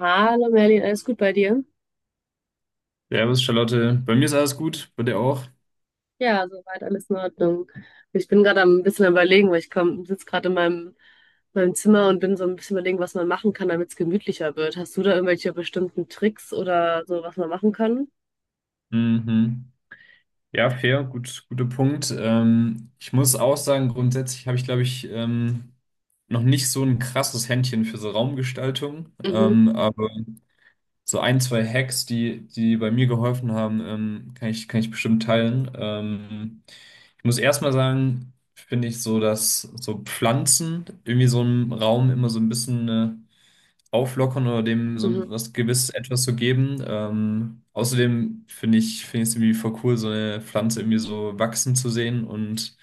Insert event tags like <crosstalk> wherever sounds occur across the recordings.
Hallo Merlin, alles gut bei dir? Servus, Charlotte. Bei mir ist alles gut, bei dir auch. Ja, soweit alles in Ordnung. Ich bin gerade am ein bisschen am Überlegen, weil sitze gerade in meinem Zimmer und bin so ein bisschen überlegen, was man machen kann, damit es gemütlicher wird. Hast du da irgendwelche bestimmten Tricks oder so, was man machen kann? Mhm. Ja, fair, gut, guter Punkt. Ich muss auch sagen, grundsätzlich habe ich, glaube ich, noch nicht so ein krasses Händchen für so Raumgestaltung. Mhm, Aber so ein, zwei Hacks, die bei mir geholfen haben, kann ich bestimmt teilen. Ich muss erstmal sagen, finde ich so, dass so Pflanzen irgendwie so einen Raum immer so ein bisschen eine auflockern oder dem so mhm, was gewiss etwas zu geben. Außerdem finde ich es irgendwie voll cool, so eine Pflanze irgendwie so wachsen zu sehen und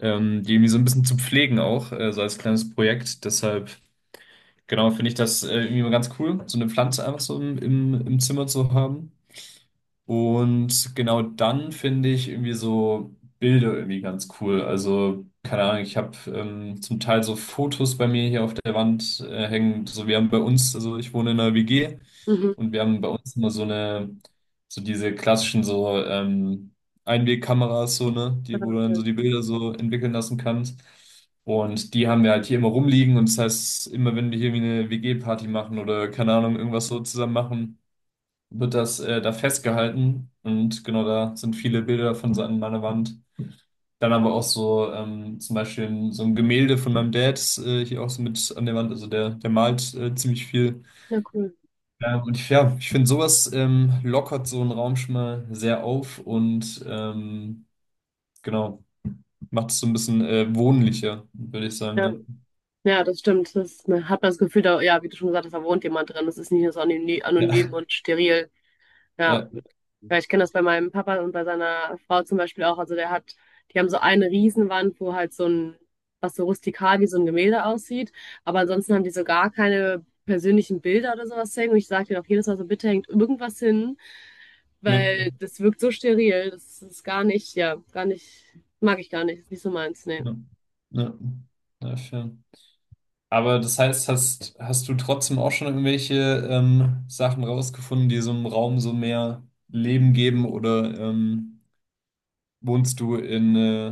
die irgendwie so ein bisschen zu pflegen auch, so als kleines Projekt. Deshalb, genau, finde ich das irgendwie mal ganz cool, so eine Pflanze einfach so im Zimmer zu haben. Und genau, dann finde ich irgendwie so Bilder irgendwie ganz cool. Also, keine Ahnung, ich habe zum Teil so Fotos bei mir hier auf der Wand hängen. So, wir haben bei uns, also ich wohne in einer WG, mhm. und wir haben bei uns immer so eine, so diese klassischen so Einwegkameras, so, ne, Ja, die, wo du dann so cool. die Bilder so entwickeln lassen kannst. Und die haben wir halt hier immer rumliegen, und das heißt, immer wenn wir hier irgendwie eine WG-Party machen oder keine Ahnung, irgendwas so zusammen machen, wird das da festgehalten, und genau, da sind viele Bilder von so an meiner Wand. Dann aber auch so zum Beispiel so ein Gemälde von meinem Dad hier auch so mit an der Wand. Also der malt ziemlich viel. Ja, cool. Und ich, ja, ich finde, sowas lockert so einen Raum schon mal sehr auf, und genau, macht es so ein bisschen wohnlicher, würde ich sagen. Ja, Ne? ja, das stimmt. Das, man hat das Gefühl, da, ja, wie du schon gesagt hast, da wohnt jemand drin. Das ist nicht nur so anonym Ja, und steril. Ja. ja, Ja, ich kenne das bei meinem Papa und bei seiner Frau zum Beispiel auch. Also der hat, die haben so eine Riesenwand, wo halt so ein, was so rustikal wie so ein Gemälde aussieht. Aber ansonsten haben die so gar keine persönlichen Bilder oder sowas hängen. Und ich sage denen auch jedes Mal so, bitte hängt irgendwas hin, ne, weil das wirkt so steril. Das ist gar nicht, ja, gar nicht, mag ich gar nicht. Ist nicht so meins, nee. ne, ne, ja, fair. Aber das heißt, hast du trotzdem auch schon irgendwelche Sachen rausgefunden, die so einem Raum so mehr Leben geben? Oder wohnst du in, äh,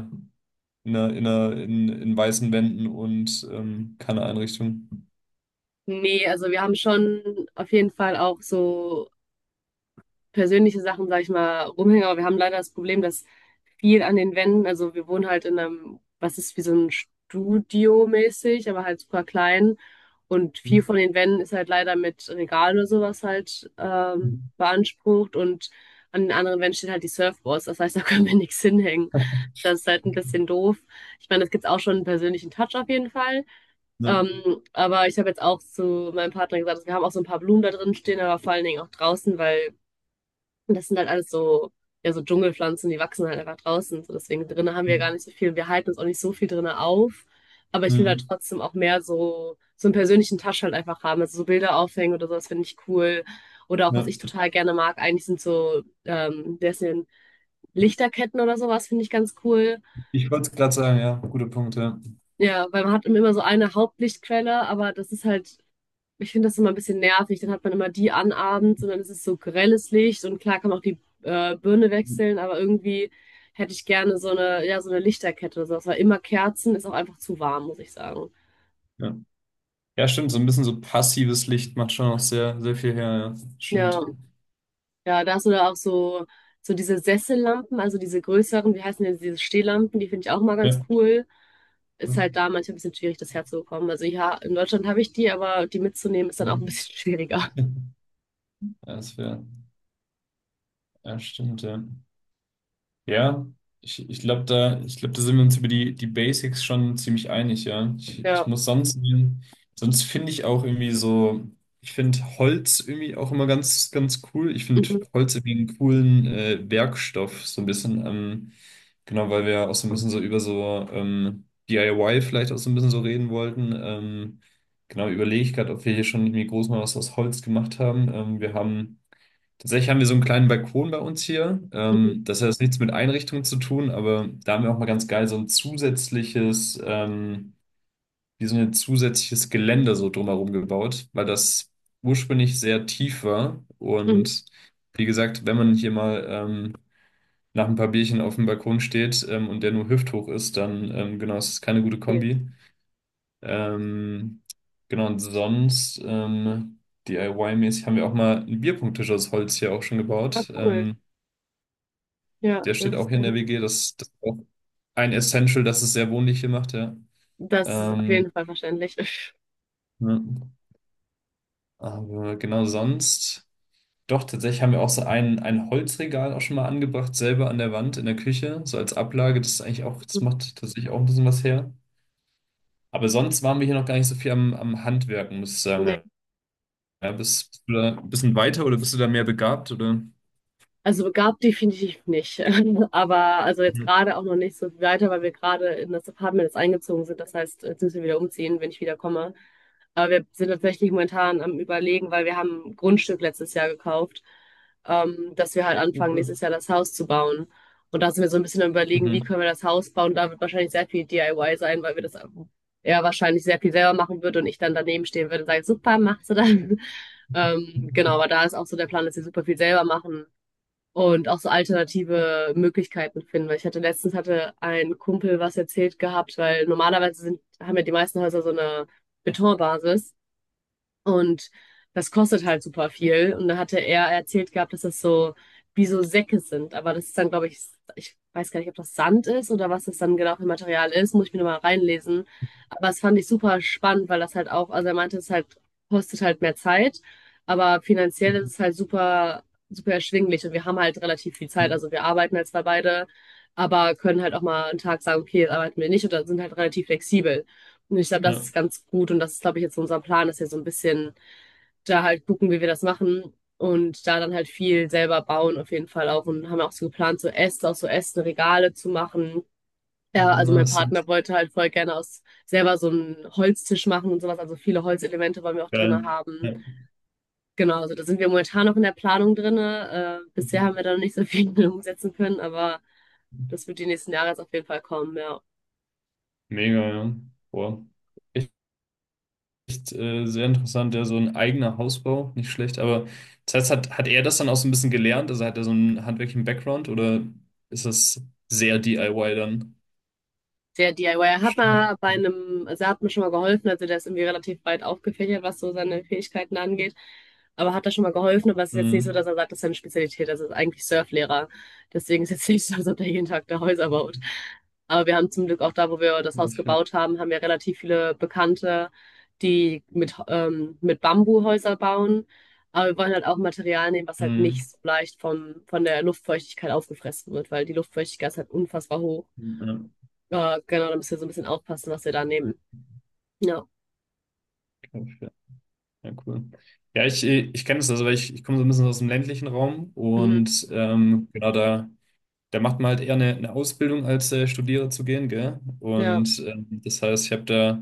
in, einer, in, einer, in, in weißen Wänden und keine Einrichtung? Nee, also wir haben schon auf jeden Fall auch so persönliche Sachen, sag ich mal, rumhänge. Aber wir haben leider das Problem, dass viel an den Wänden, also wir wohnen halt in einem, was ist wie so ein Studio mäßig, aber halt super klein. Und viel von den Wänden ist halt leider mit Regalen oder sowas halt beansprucht. Und an den anderen Wänden steht halt die Surfboards. Das heißt, <laughs> da können wir nichts hinhängen. Das ist halt ein bisschen doof. Ich meine, das gibt's auch schon einen persönlichen Touch auf jeden Fall. Ja. Aber ich habe jetzt auch zu meinem Partner gesagt, dass wir haben auch so ein paar Blumen da drin stehen, aber vor allen Dingen auch draußen, weil und das sind halt alles so, ja, so Dschungelpflanzen, die wachsen halt einfach draußen. So, deswegen drinnen haben wir gar nicht so viel. Wir halten uns auch nicht so viel drinnen auf. Aber ich will halt Hm. trotzdem auch mehr so, so einen persönlichen Touch halt einfach haben. Also so Bilder aufhängen oder sowas finde ich cool. Oder auch was Ja. ich total gerne mag, eigentlich sind so, der ist in Lichterketten oder sowas, finde ich ganz cool. Ich wollte es gerade sagen, ja, guter Punkt, ja. Ja, weil man hat immer so eine Hauptlichtquelle, aber das ist halt. Ich finde das immer ein bisschen nervig. Dann hat man immer die an abends und dann ist es so grelles Licht und klar kann man auch die Birne wechseln, aber irgendwie hätte ich gerne so eine, ja, so eine Lichterkette oder sowas, weil immer Kerzen ist auch einfach zu warm, muss ich sagen. Ja. Ja, stimmt, so ein bisschen so passives Licht macht schon auch sehr, sehr viel her, ja. Ja, Stimmt. ja, das oder auch so, so diese Sessellampen, also diese größeren, wie heißen denn diese Stehlampen, die finde ich auch mal ganz Ja. cool. Ist halt da manchmal ein bisschen schwierig, das herzubekommen. Also ja, in Deutschland habe ich die, aber die mitzunehmen ist dann auch Hm. ein bisschen <laughs> schwieriger. Ja, das wäre. Ja, stimmt, ja. Ja, ich glaube, da, ich glaub, da sind wir uns über die Basics schon ziemlich einig, ja. Ich, Ja. Sonst finde ich auch irgendwie so, ich finde Holz irgendwie auch immer ganz, ganz cool. Ich finde Mhm, Holz irgendwie einen coolen Werkstoff, so ein bisschen, genau, weil wir ja auch so ein bisschen so über so DIY vielleicht auch so ein bisschen so reden wollten. Genau, überlege ich gerade, ob wir hier schon irgendwie groß mal was aus Holz gemacht haben. Wir haben. Tatsächlich haben wir so einen kleinen Balkon bei uns hier. mhm, Das hat jetzt nichts mit Einrichtungen zu tun, aber da haben wir auch mal ganz geil so ein zusätzliches, wie so ein zusätzliches Geländer so drumherum gebaut, weil das ursprünglich sehr tief war. mhm. Und wie gesagt, wenn man hier mal nach ein paar Bierchen auf dem Balkon steht, und der nur hüfthoch ist, dann, genau, es ist keine gute Okay. Kombi. Ähm, genau, und sonst, DIY-mäßig haben wir auch mal einen Bierpunkttisch aus Holz hier auch schon Ja, ah, gebaut. cool. Ja, Der das steht auch ist hier in der nice. WG. Das ist auch ein Essential, dass es sehr wohnlich hier macht, ja. Das ist auf Ähm, jeden Fall verständlich. ja. Aber genau, sonst. Doch, tatsächlich haben wir auch so ein Holzregal auch schon mal angebracht, selber an der Wand in der Küche, so als Ablage. Das ist eigentlich auch, das <laughs> macht tatsächlich auch ein bisschen was her. Aber sonst waren wir hier noch gar nicht so viel am Handwerken, muss ich sagen. Nee. Ja, ja, bist du da ein bisschen weiter oder bist du da mehr begabt? Oder? Also begabt definitiv nicht. <laughs> Aber also jetzt Mhm. gerade auch noch nicht so viel weiter, weil wir gerade in das Apartment jetzt eingezogen sind. Das heißt, jetzt müssen wir wieder umziehen, wenn ich wieder komme. Aber wir sind tatsächlich momentan am Überlegen, weil wir haben ein Grundstück letztes Jahr gekauft, dass wir halt Oh, anfangen, cool. nächstes Jahr das Haus zu bauen. Und da sind wir so ein bisschen am Überlegen, wie Mhm. können wir das Haus bauen. Da wird wahrscheinlich sehr viel DIY sein, weil wir das eher wahrscheinlich sehr viel selber machen würden und ich dann daneben stehen würde und sage, super, machst du das? <laughs> Genau, aber da ist auch so der Plan, dass wir super viel selber machen und auch so alternative Möglichkeiten finden. Weil ich hatte letztens hatte ein Kumpel was erzählt gehabt, weil normalerweise sind, haben ja die meisten Häuser so eine Betonbasis. Und das kostet halt super viel. Und da hatte er erzählt gehabt, dass das so wie so Säcke sind. Aber das ist dann, glaube ich, ich weiß gar nicht, ob das Sand ist oder was das dann genau für Material ist. Muss ich mir nochmal reinlesen. Aber das fand ich super spannend, weil das halt auch, also er meinte, es halt, kostet halt mehr Zeit. Aber finanziell ist es halt super erschwinglich. Und wir haben halt relativ viel Zeit. Mhm. Also wir arbeiten halt zwar beide, aber können halt auch mal einen Tag sagen, okay, jetzt arbeiten wir nicht oder sind halt relativ flexibel. Und ich glaube, das Ja. ist ganz gut. Und das ist, glaube ich, jetzt unser Plan, dass wir so ein bisschen da halt gucken, wie wir das machen und da dann halt viel selber bauen auf jeden Fall auch und haben auch so geplant, so Äste, auch so Äste, Regale zu machen. Ja, Ah, also mein nice. Partner wollte halt voll gerne aus selber so einen Holztisch machen und sowas. Also viele Holzelemente wollen wir auch drinne Geil. haben. Ja. Genau, also da sind wir momentan noch in der Planung drinne. Bisher haben wir da noch nicht so viel <laughs> umsetzen können, aber Mhm. das wird die nächsten Jahre jetzt auf jeden Fall kommen, ja. Mega, ja. Boah. Echt, echt sehr interessant, ja, so ein eigener Hausbau, nicht schlecht. Aber das heißt, hat er das dann auch so ein bisschen gelernt? Also hat er so einen handwerklichen Background, oder ist das sehr DIY dann? Der DIYer hat Stark. mal bei einem, also er hat mir schon mal geholfen, also der ist irgendwie relativ breit aufgefächert, was so seine Fähigkeiten angeht. Aber hat er schon mal geholfen, aber es ist jetzt nicht so, dass Mhm. er sagt, das ist seine Spezialität, das ist eigentlich Surflehrer. Deswegen ist jetzt nicht so, als ob der jeden Tag da Häuser baut. Aber wir haben zum Glück auch da, wo wir das Ja, Haus fair. gebaut haben, haben wir relativ viele Bekannte, die mit Bambuhäuser bauen. Aber wir wollen halt auch Material nehmen, was halt Mhm. nicht so leicht vom, von der Luftfeuchtigkeit aufgefressen wird, weil die Luftfeuchtigkeit ist halt unfassbar hoch. Ja, Ja, genau, da müsst ihr so ein bisschen aufpassen, was ihr da nehmt. Ja, okay, fair. Ja, ja, cool. Ja, ich kenne das, also ich komme so ein bisschen aus dem ländlichen Raum, mhm. und genau, da. Da macht man halt eher eine Ausbildung, als Studiere zu gehen, gell? Ja, Und das heißt, ich habe da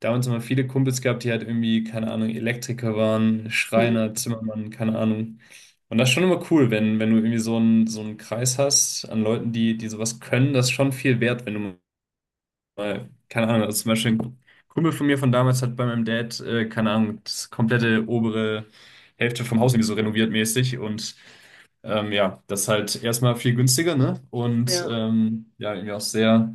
damals immer viele Kumpels gehabt, die halt irgendwie, keine Ahnung, Elektriker waren, mhm. Schreiner, Zimmermann, keine Ahnung. Und das ist schon immer cool, wenn, wenn du irgendwie so einen Kreis hast an Leuten, die sowas können, das ist schon viel wert, wenn du weil, keine Ahnung, also zum Beispiel ein Kumpel von mir von damals hat bei meinem Dad, keine Ahnung, das komplette obere Hälfte vom Haus irgendwie so renoviert mäßig, und ja, das ist halt erstmal viel günstiger, ne? Und Ja, ja, irgendwie auch sehr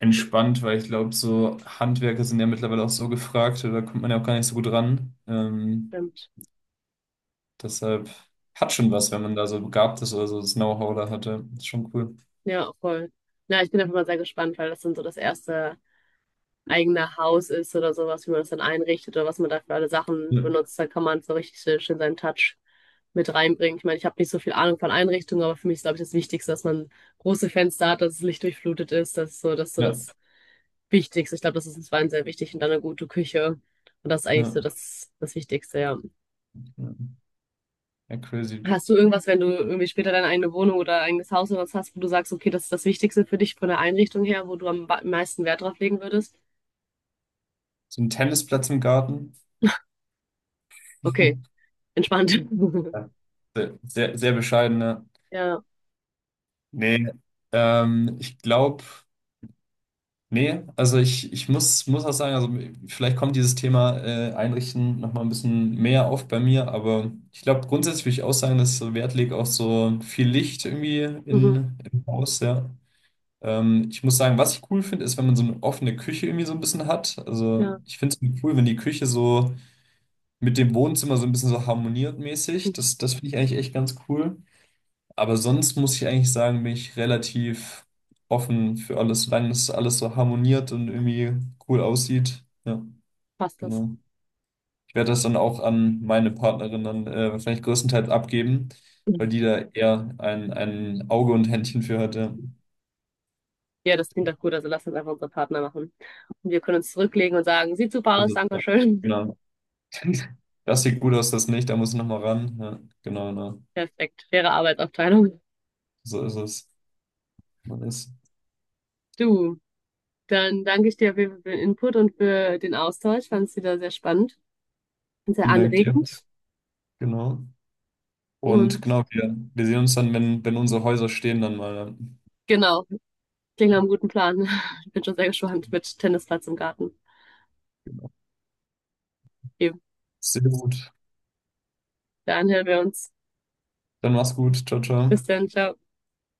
entspannt, weil ich glaube, so Handwerker sind ja mittlerweile auch so gefragt, da kommt man ja auch gar nicht so gut ran. Stimmt. Deshalb hat schon was, wenn man da so begabt ist oder so das Know-how da hatte. Ist schon cool. Ja, voll. Ja, ich bin einfach mal sehr gespannt, weil das dann so das erste eigene Haus ist oder sowas, wie man das dann einrichtet oder was man da für alle Sachen Ja, benutzt. Da kann man so richtig schön seinen Touch mit reinbringen. Ich meine, ich habe nicht so viel Ahnung von Einrichtungen, aber für mich ist, glaube ich, das Wichtigste, dass man große Fenster hat, dass es lichtdurchflutet ist. Das ist so, das ist so ja, das Wichtigste. Ich glaube, das ist uns beiden sehr wichtig und dann eine gute Küche. Und das ist eigentlich ja, so das, das Wichtigste, ja. ja, ja, crazy. Hast du irgendwas, wenn du irgendwie später deine eigene Wohnung oder eigenes Haus oder was hast, wo du sagst, okay, das ist das Wichtigste für dich von der Einrichtung her, wo du am meisten Wert drauf legen würdest? So ein Tennisplatz im Garten. Ja. Okay, entspannt. <laughs> Sehr, sehr, sehr bescheidene. Ja, Nee, ich glaube, nee, also ich, muss auch sagen, also vielleicht kommt dieses Thema Einrichten nochmal ein bisschen mehr auf bei mir, aber ich glaube, grundsätzlich würde ich auch sagen, dass ich so Wert legt auf so viel Licht irgendwie mhm, im Haus, ja. Ich muss sagen, was ich cool finde, ist, wenn man so eine offene Küche irgendwie so ein bisschen hat. Also ja, ich finde es cool, wenn die Küche so mit dem Wohnzimmer so ein bisschen so harmoniert mäßig. Das finde ich eigentlich echt ganz cool. Aber sonst muss ich eigentlich sagen, bin ich relativ offen für alles, solange es alles so harmoniert und irgendwie cool aussieht. Ja, passt das. genau. Ich werde das dann auch an meine Partnerin dann wahrscheinlich größtenteils abgeben, weil die da eher ein Auge und Händchen für hat. Ja. Ja, das klingt doch gut. Also lass uns einfach unsere Partner machen. Und wir können uns zurücklegen und sagen, sieht super aus, Also, danke ja, schön. genau. <laughs> Das sieht gut aus, das nicht, da muss ich nochmal ran. Ja, genau, genau. Perfekt, faire Arbeitsaufteilung. So ist es. Man ist. Es. Du, dann danke ich dir auf jeden Fall für den Input und für den Austausch. Fand es wieder sehr spannend und sehr Vielen Dank dir. anregend. Genau. Und Und genau, wir sehen uns dann, wenn unsere Häuser stehen, dann mal. Ja. genau. Klingt nach einem guten Plan. <laughs> Ich bin schon sehr gespannt mit Tennisplatz im Garten. Genau. Okay, Sehr gut. dann hören wir uns. Dann mach's gut. Ciao, ciao. Bis dann, ciao.